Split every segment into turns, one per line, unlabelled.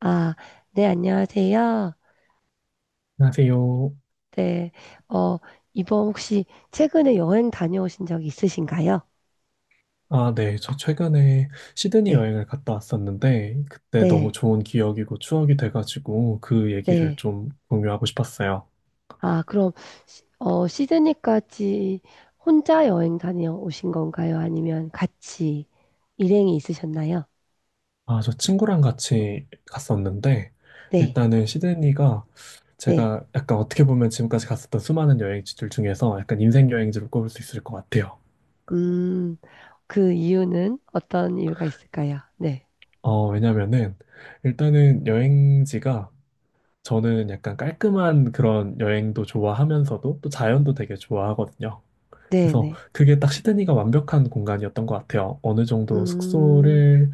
아, 네, 안녕하세요.
안녕하세요.
네, 어, 이번 혹시 최근에 여행 다녀오신 적 있으신가요?
아, 네. 저 최근에 시드니
네,
여행을 갔다 왔었는데, 그때 너무
네,
좋은 기억이고 추억이 돼가지고 그 얘기를
네.
좀 공유하고 싶었어요.
아, 그럼, 시드니까지 혼자 여행 다녀오신 건가요? 아니면 같이 일행이 있으셨나요?
아, 저 친구랑 같이 갔었는데,
네,
일단은 시드니가
네.
제가 약간 어떻게 보면 지금까지 갔었던 수많은 여행지들 중에서 약간 인생 여행지로 꼽을 수 있을 것 같아요.
음, 그 이유는 어떤 이유가 있을까요? 네,
왜냐면은 일단은 여행지가 저는 약간 깔끔한 그런 여행도 좋아하면서도 또 자연도 되게 좋아하거든요.
네,
그래서
네.
그게 딱 시드니가 완벽한 공간이었던 것 같아요. 어느 정도
음,
숙소를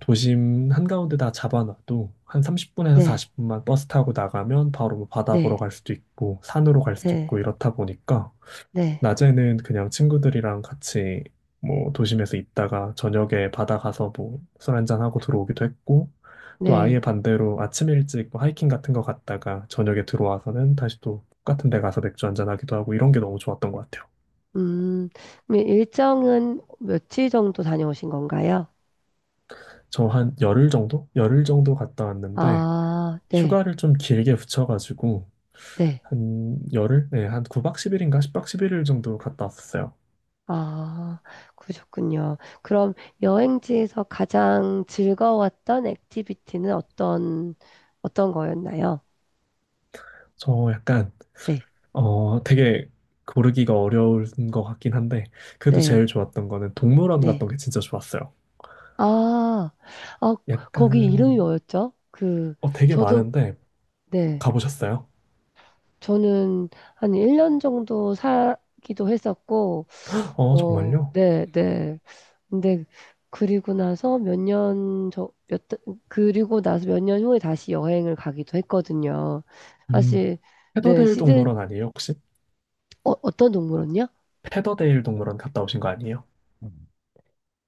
도심 한가운데 다 잡아놔도 한 30분에서
네,
40분만 버스 타고 나가면 바로 뭐 바다
네,
보러 갈 수도 있고 산으로 갈 수도
네,
있고 이렇다 보니까
네,
낮에는 그냥 친구들이랑 같이 뭐 도심에서 있다가 저녁에 바다 가서 뭐 술 한잔하고 들어오기도 했고 또 아예
네.
반대로 아침 일찍 뭐 하이킹 같은 거 갔다가 저녁에 들어와서는 다시 또 똑같은 데 가서 맥주 한잔하기도 하고 이런 게 너무 좋았던 것 같아요.
음, 그럼 일정은 며칠 정도 다녀오신 건가요?
저 한 열흘 정도? 열흘 정도 갔다 왔는데,
아, 네,
휴가를 좀 길게 붙여가지고,
네.
한 열흘? 네, 한 9박 10일인가 10박 11일 정도 갔다 왔었어요.
아, 그러셨군요. 그럼 여행지에서 가장 즐거웠던 액티비티는 어떤 거였나요?
저 약간,
네,
되게 고르기가 어려운 것 같긴 한데, 그래도 제일
네,
좋았던 거는 동물원
네.
갔던 게 진짜 좋았어요.
아, 아, 거기 이름이
약간,
뭐였죠? 그,
되게
저도,
많은데,
네.
가보셨어요?
저는 한 1년 정도 살기도 했었고,
어,
어,
정말요?
네, 네. 근데 그리고 나서 몇 년 저, 몇, 그리고 나서 몇 년 후에 다시 여행을 가기도 했거든요.
음,
사실, 네,
페더데일 동물원 아니에요, 혹시?
어떤 동물원이요?
페더데일 동물원 갔다 오신 거 아니에요?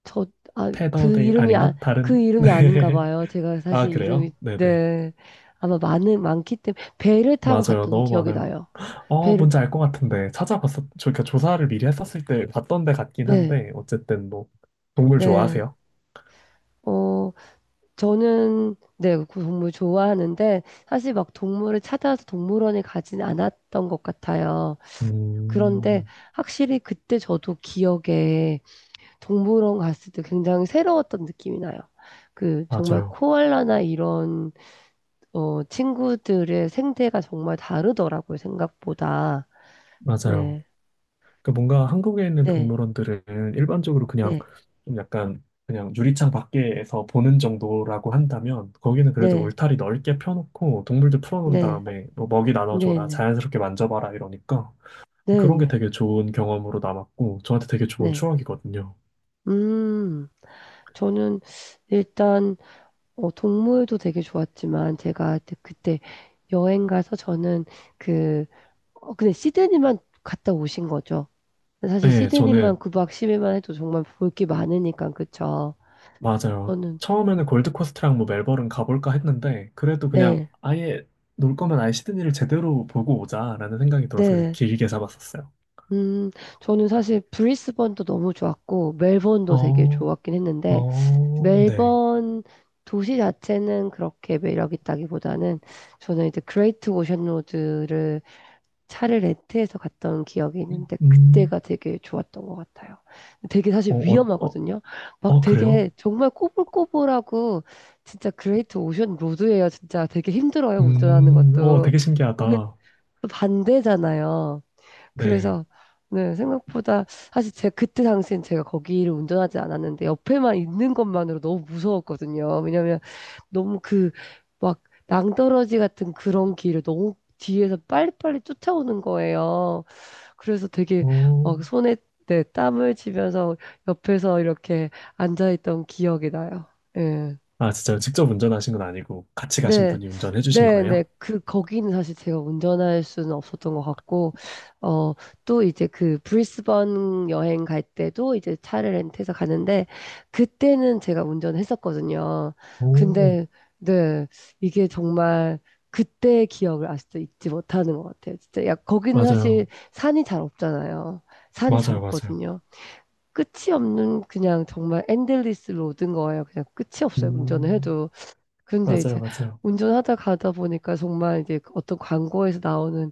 저, 그
페더데일,
이름이, 아,
아닌가?
그
다른,
이름이 아닌가
네.
봐요. 제가
아,
사실 이름이,
그래요? 네네.
네. 아마 많기 때문에, 배를 타고
맞아요.
갔던
너무
기억이
많아요.
나요.
어,
배를,
뭔지 알 것 같은데. 찾아봤었, 저, 그러니까 조사를 미리 했었을 때 봤던 데 같긴
네,
한데, 어쨌든 뭐, 동물
네.
좋아하세요?
어, 저는 네, 그 동물 좋아하는데 사실 막 동물을 찾아서 동물원에 가진 않았던 것 같아요. 그런데
음,
확실히 그때 저도 기억에 동물원 갔을 때 굉장히 새로웠던 느낌이 나요. 그 정말
맞아요.
코알라나 이런 친구들의 생태가 정말 다르더라고요, 생각보다.
맞아요.
네.
그러니까 뭔가 한국에 있는
네.
동물원들은 일반적으로 그냥
네.
좀 약간 그냥 유리창 밖에서 보는 정도라고 한다면, 거기는 그래도
네.
울타리 넓게 펴놓고 동물들 풀어놓은
네.
다음에 뭐 먹이
네.
나눠줘라,
네.
자연스럽게 만져봐라 이러니까
네.
그런 게
네.
되게 좋은 경험으로 남았고, 저한테 되게 좋은
네.
추억이거든요.
음. 저는 일단 동물도 되게 좋았지만 제가 그때 여행 가서 저는 그, 근데 시드니만 갔다 오신 거죠. 사실
네,
시드니만
저는
9박 10일만 해도 정말 볼 게 많으니까, 그쵸?
맞아요.
저는,
처음에는 골드코스트랑 뭐 멜버른 가볼까 했는데, 그래도 그냥
네,
아예 놀 거면 아예 시드니를 제대로 보고 오자라는 생각이 들어서 그냥
네.
길게 잡았었어요.
음, 저는 사실 브리스번도 너무 좋았고, 멜번도 되게
어,
좋았긴 했는데,
어, 네.
멜번 도시 자체는 그렇게 매력 있다기보다는 저는 이제 그레이트 오션 로드를 차를 렌트해서 갔던 기억이 있는데
음,
그때가 되게 좋았던 것 같아요. 되게
어,
사실
어, 어,
위험하거든요. 막
어, 그래요?
되게 정말 꼬불꼬불하고 진짜 그레이트 오션 로드예요. 진짜 되게 힘들어요. 운전하는 것도.
되게
거기
신기하다.
또 반대잖아요.
네.
그래서 네, 생각보다 사실 제가 그때 당시엔 제가 거기를 운전하지 않았는데 옆에만 있는 것만으로 너무 무서웠거든요. 왜냐면 너무 그 막 낭떠러지 같은 그런 길을 너무 뒤에서 빨리빨리 쫓아오는 거예요. 그래서 되게
어,
막 손에 네, 땀을 쥐면서 옆에서 이렇게 앉아있던 기억이 나요. 예.
아, 진짜요? 직접 운전하신 건 아니고 같이 가신
네,
분이 운전해 주신
네, 네.
거예요?
그, 거기는 사실 제가 운전할 수는 없었던 것 같고, 어, 또 이제 그 브리스번 여행 갈 때도 이제 차를 렌트해서 가는데, 그때는 제가 운전했었거든요.
오,
근데, 네, 이게 정말 그때의 기억을 아직도 잊지 못하는 것 같아요. 진짜, 야, 거기는 사실
맞아요.
산이 잘 없잖아요. 산이 잘
맞아요, 맞아요.
없거든요. 끝이 없는 그냥 정말 엔들리스 로드인 거예요. 그냥 끝이 없어요. 운전을
음,
해도. 근데
맞아요,
이제
맞아요.
운전하다 가다 보니까 정말 이제 그 어떤 광고에서 나오는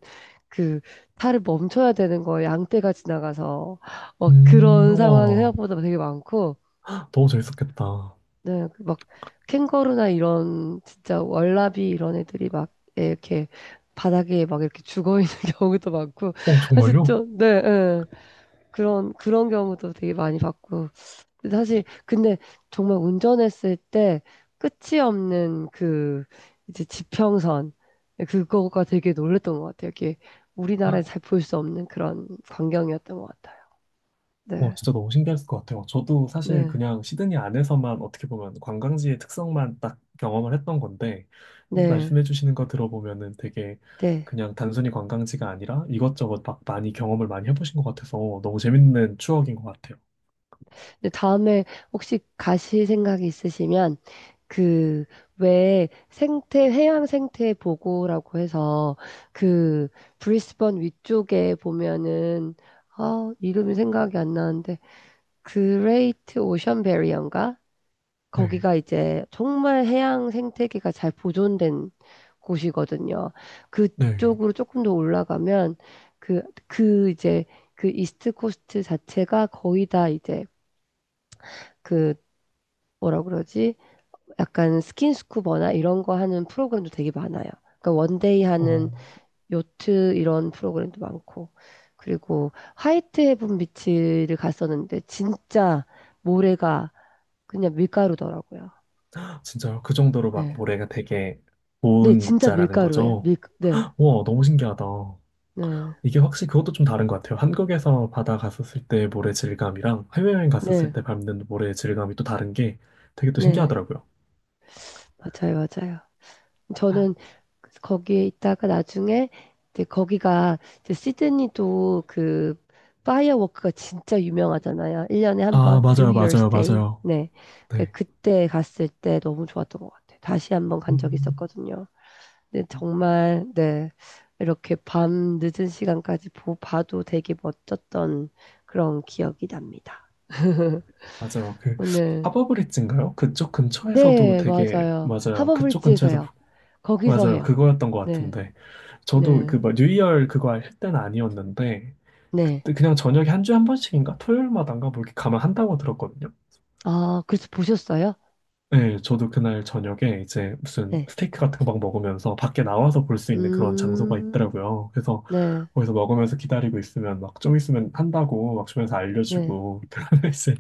그 차를 멈춰야 되는 거 양떼가 지나가서 막 그런 상황이
와,
생각보다 되게 많고
너무 재밌었겠다.
네, 그막 캥거루나 이런 진짜 월라비 이런 애들이 막 이렇게 바닥에 막 이렇게 죽어 있는 경우도 많고
어,
사실
정말요?
좀 네, 네. 그런 경우도 되게 많이 봤고 근데 사실 근데 정말 운전했을 때 끝이 없는 그 이제 지평선 그거가 되게 놀랬던 것 같아요. 이게 우리나라에 잘 볼 수 없는 그런 광경이었던 것 같아요.
와,
네,
진짜 너무 신기했을 것 같아요. 저도 사실
네,
그냥 시드니 안에서만 어떻게 보면 관광지의 특성만 딱 경험을 했던 건데,
네,
말씀해 주시는 거 들어보면은 되게
네.
그냥 단순히 관광지가 아니라 이것저것 막 많이 경험을 많이 해보신 것 같아서 너무 재밌는 추억인 것 같아요.
근데 다음에 혹시 가실 생각이 있으시면 그 왜 생태 해양 생태 보고라고 해서 그 브리스번 위쪽에 보면은 아 이름이 생각이 안 나는데 그레이트 오션 베리어인가?
네,
거기가 이제 정말 해양 생태계가 잘 보존된 곳이거든요.
네.
그쪽으로 조금 더 올라가면 그 이제 그 이스트 코스트 자체가 거의 다 이제 그 뭐라 그러지? 약간 스킨스쿠버나 이런 거 하는 프로그램도 되게 많아요. 그러니까 원데이 하는
어,
요트 이런 프로그램도 많고. 그리고 화이트 헤븐 비치를 갔었는데 진짜 모래가 그냥 밀가루더라고요.
진짜요? 그 정도로 막
네.
모래가 되게
네,
좋은
진짜
입자라는
밀가루예요.
거죠?
네,
와, 너무 신기하다.
네,
이게 확실히 그것도 좀 다른 것 같아요. 한국에서 바다 갔었을 때 모래 질감이랑 해외여행 갔었을
네,
때 밟는 모래 질감이 또 다른 게 되게 또
네,
신기하더라고요.
맞아요, 맞아요. 저는 그래서 거기에 있다가 나중에 이제 거기가 이제 시드니도 그 파이어워크가 진짜 유명하잖아요. 1년에 한
아,
번, 뉴
맞아요,
이어스
맞아요,
데이.
맞아요.
네.
네.
그때 갔을 때 너무 좋았던 것 같아요. 다시 한번 간 적이
음,
있었거든요. 네, 정말, 네, 이렇게 밤 늦은 시간까지 봐도 되게 멋졌던 그런 기억이 납니다.
맞아요. 그
오늘,
하버브릿지인가요? 그쪽 근처에서도
네,
되게
맞아요.
맞아요. 그쪽 근처에서
하버브릿지에서요. 거기서
맞아요.
해요.
그거였던 것
네,
같은데 저도
네,
그뭐 뉴이얼 그거 할 때는 아니었는데
네.
그때 그냥 저녁에 한 주에 한 번씩인가 토요일마다인가 뭐 이렇게 가면 한다고 들었거든요.
아, 그래서 보셨어요?
네, 저도 그날 저녁에 이제 무슨
네.
스테이크 같은 거 막 먹으면서 밖에 나와서 볼 수 있는 그런 장소가
음,
있더라고요. 그래서
네,
거기서 먹으면서 기다리고 있으면 막 좀 있으면 한다고 막 주면서
네.
알려주고 그러면 이제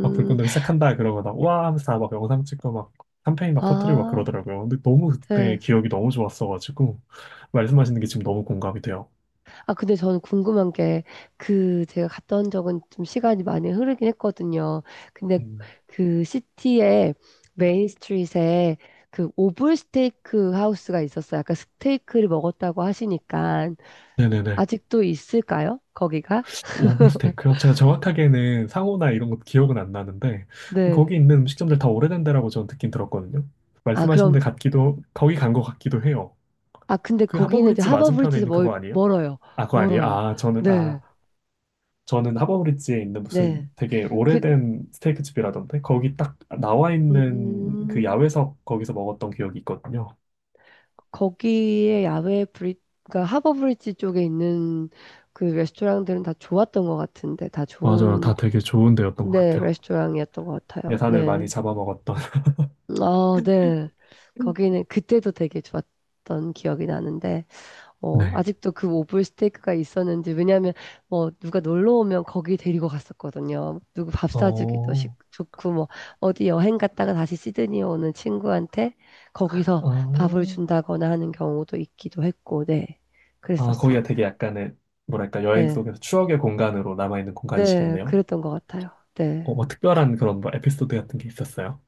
막 불꽃놀이 시작한다 그러고 막와 하면서 다막 영상 찍고 막 샴페인 막 터트리고 막
아,
그러더라고요. 근데 너무 그때
네.
기억이 너무 좋았어가지고 말씀하시는 게 지금 너무 공감이 돼요.
아, 근데 저는 궁금한 게, 그, 제가 갔다 온 적은 좀 시간이 많이 흐르긴 했거든요. 근데
음.
그 시티의 메인 스트릿에 그 오블 스테이크 하우스가 있었어요. 아까 스테이크를 먹었다고 하시니까.
네네네.
아직도 있을까요? 거기가?
오블스테이크요? 제가 정확하게는 상호나 이런 것 기억은 안 나는데
네.
거기 있는 음식점들 다 오래된 데라고 저는 듣긴 들었거든요.
아,
말씀하신
그럼,
데 같기도 거기 간 것 같기도 해요.
아, 근데
그
거기는 이제
하버브릿지 맞은편에
하버브릿지에서
있는 그거 아니에요?
멀어요.
아, 그거 아니에요?
멀어요. 네.
저는 하버브릿지에 있는
네.
무슨 되게
그,
오래된 스테이크 집이라던데 거기 딱 나와 있는 그
음,
야외석 거기서 먹었던 기억이 있거든요.
거기에 그러니까 하버 브릿지 쪽에 있는 그 레스토랑들은 다 좋았던 것 같은데, 다
맞아요. 다
좋은,
되게 좋은 데였던 것
네,
같아요.
레스토랑이었던 것 같아요.
예산을 많이
네.
잡아먹었던.
아, 네. 거기는 그때도 되게 좋았던 기억이 나는데, 어,
네.
아직도 그 오불 스테이크가 있었는지, 왜냐면, 뭐, 누가 놀러 오면 거기 데리고 갔었거든요. 누구 밥 사주기도
어,
좋고, 뭐, 어디 여행 갔다가 다시 시드니 오는 친구한테 거기서 밥을
아.
준다거나 하는 경우도 있기도 했고, 네.
아, 거기가 되게
그랬었습니다.
약간의, 뭐랄까, 여행
네.
속에서 추억의 공간으로 남아있는
네.
공간이시겠네요.
그랬던 것 같아요. 네.
어, 뭐 특별한 그런 뭐 에피소드 같은 게 있었어요?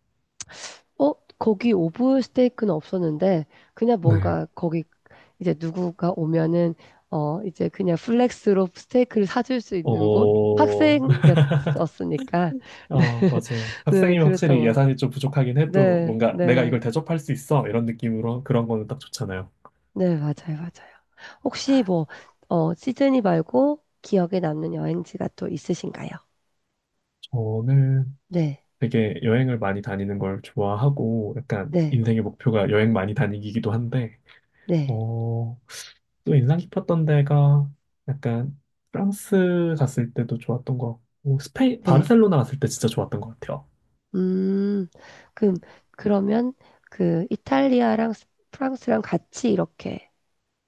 어, 거기 오브 스테이크는 없었는데, 그냥
네.
뭔가 거기 이제 누구가 오면은, 이제 그냥 플렉스로 스테이크를 사줄 수 있는 곳?
어,
학생이었으니까.
아, 맞아요.
네,
학생이면
그랬던
확실히
거.
예산이 좀 부족하긴 해도
네,
뭔가 내가
네,
이걸 대접할 수 있어. 이런 느낌으로 그런 거는 딱 좋잖아요.
네, 맞아요, 맞아요. 혹시 뭐, 시드니 말고 기억에 남는 여행지가 또 있으신가요?
저는
네,
되게 여행을 많이 다니는 걸 좋아하고 약간
네,
인생의 목표가 여행 많이 다니기이기도 한데,
네,
어, 또 인상 깊었던 데가 약간 프랑스 갔을 때도 좋았던 것 같고 스페인
네.
바르셀로나 갔을 때 진짜 좋았던 것 같아요.
음, 그럼, 그러면 그 이탈리아랑 스- 프랑스랑 같이 이렇게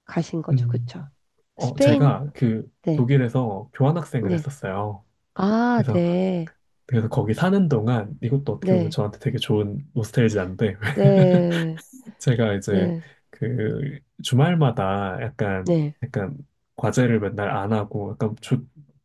가신 거죠.
음,
그쵸? 스페인?
제가
네.
독일에서 교환학생을
네.
했었어요.
아,
그래서
네.
그래서 거기 사는 동안 이것도 어떻게 보면
네.
저한테 되게 좋은 노스텔지아인데
네.
제가 이제
네.
주말마다 약간
네.
약간 과제를 맨날 안 하고 약간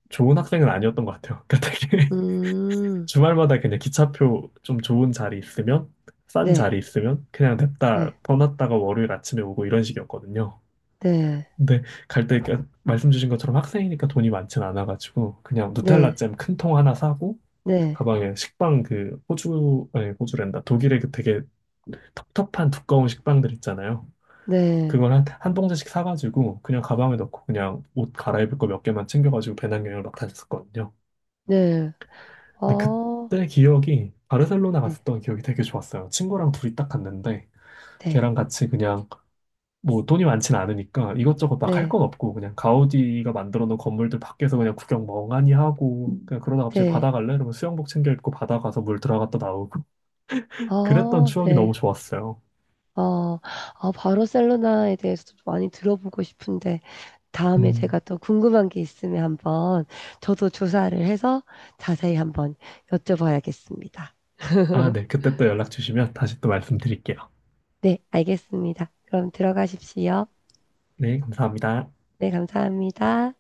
좋은 학생은 아니었던 것 같아요. 그러니까 되게
음.
주말마다 그냥 기차표 좀 좋은 자리 있으면, 싼
네.
자리 있으면, 그냥 냅다
네.
떠났다가 월요일 아침에 오고 이런 식이었거든요.
네.
근데 갈때 그 말씀 주신 것처럼 학생이니까 돈이 많진 않아가지고, 그냥 누텔라
네.
잼 큰 통 하나 사고,
네.
가방에 식빵 그 호주, 아니 호주랜다. 독일의 그 되게 텁텁한 두꺼운 식빵들 있잖아요.
네.
그걸 한 봉지씩 사가지고, 그냥 가방에 넣고, 그냥 옷 갈아입을 거 몇 개만 챙겨가지고 배낭여행을 막 다녔었거든요.
네.
근데
어.
그때 기억이 바르셀로나
네.
갔었던 기억이 되게 좋았어요. 친구랑 둘이 딱 갔는데
네.
걔랑 같이 그냥 뭐 돈이 많진 않으니까 이것저것 막 할
네.
건 없고 그냥 가우디가 만들어 놓은 건물들 밖에서 그냥 구경 멍하니 하고 그냥 그러다 갑자기 바다
네.
갈래? 이러면 수영복 챙겨 입고 바다 가서 물 들어갔다 나오고 그랬던
어.
추억이 너무
네.
좋았어요.
어. 아, 바르셀로나에 대해서 좀 많이 들어보고 싶은데 다음에 제가
음.
또 궁금한 게 있으면 한번 저도 조사를 해서 자세히 한번 여쭤봐야겠습니다.
아, 네. 그때 또 연락 주시면 다시 또 말씀드릴게요.
네, 알겠습니다. 그럼 들어가십시오.
네, 감사합니다.
네, 감사합니다.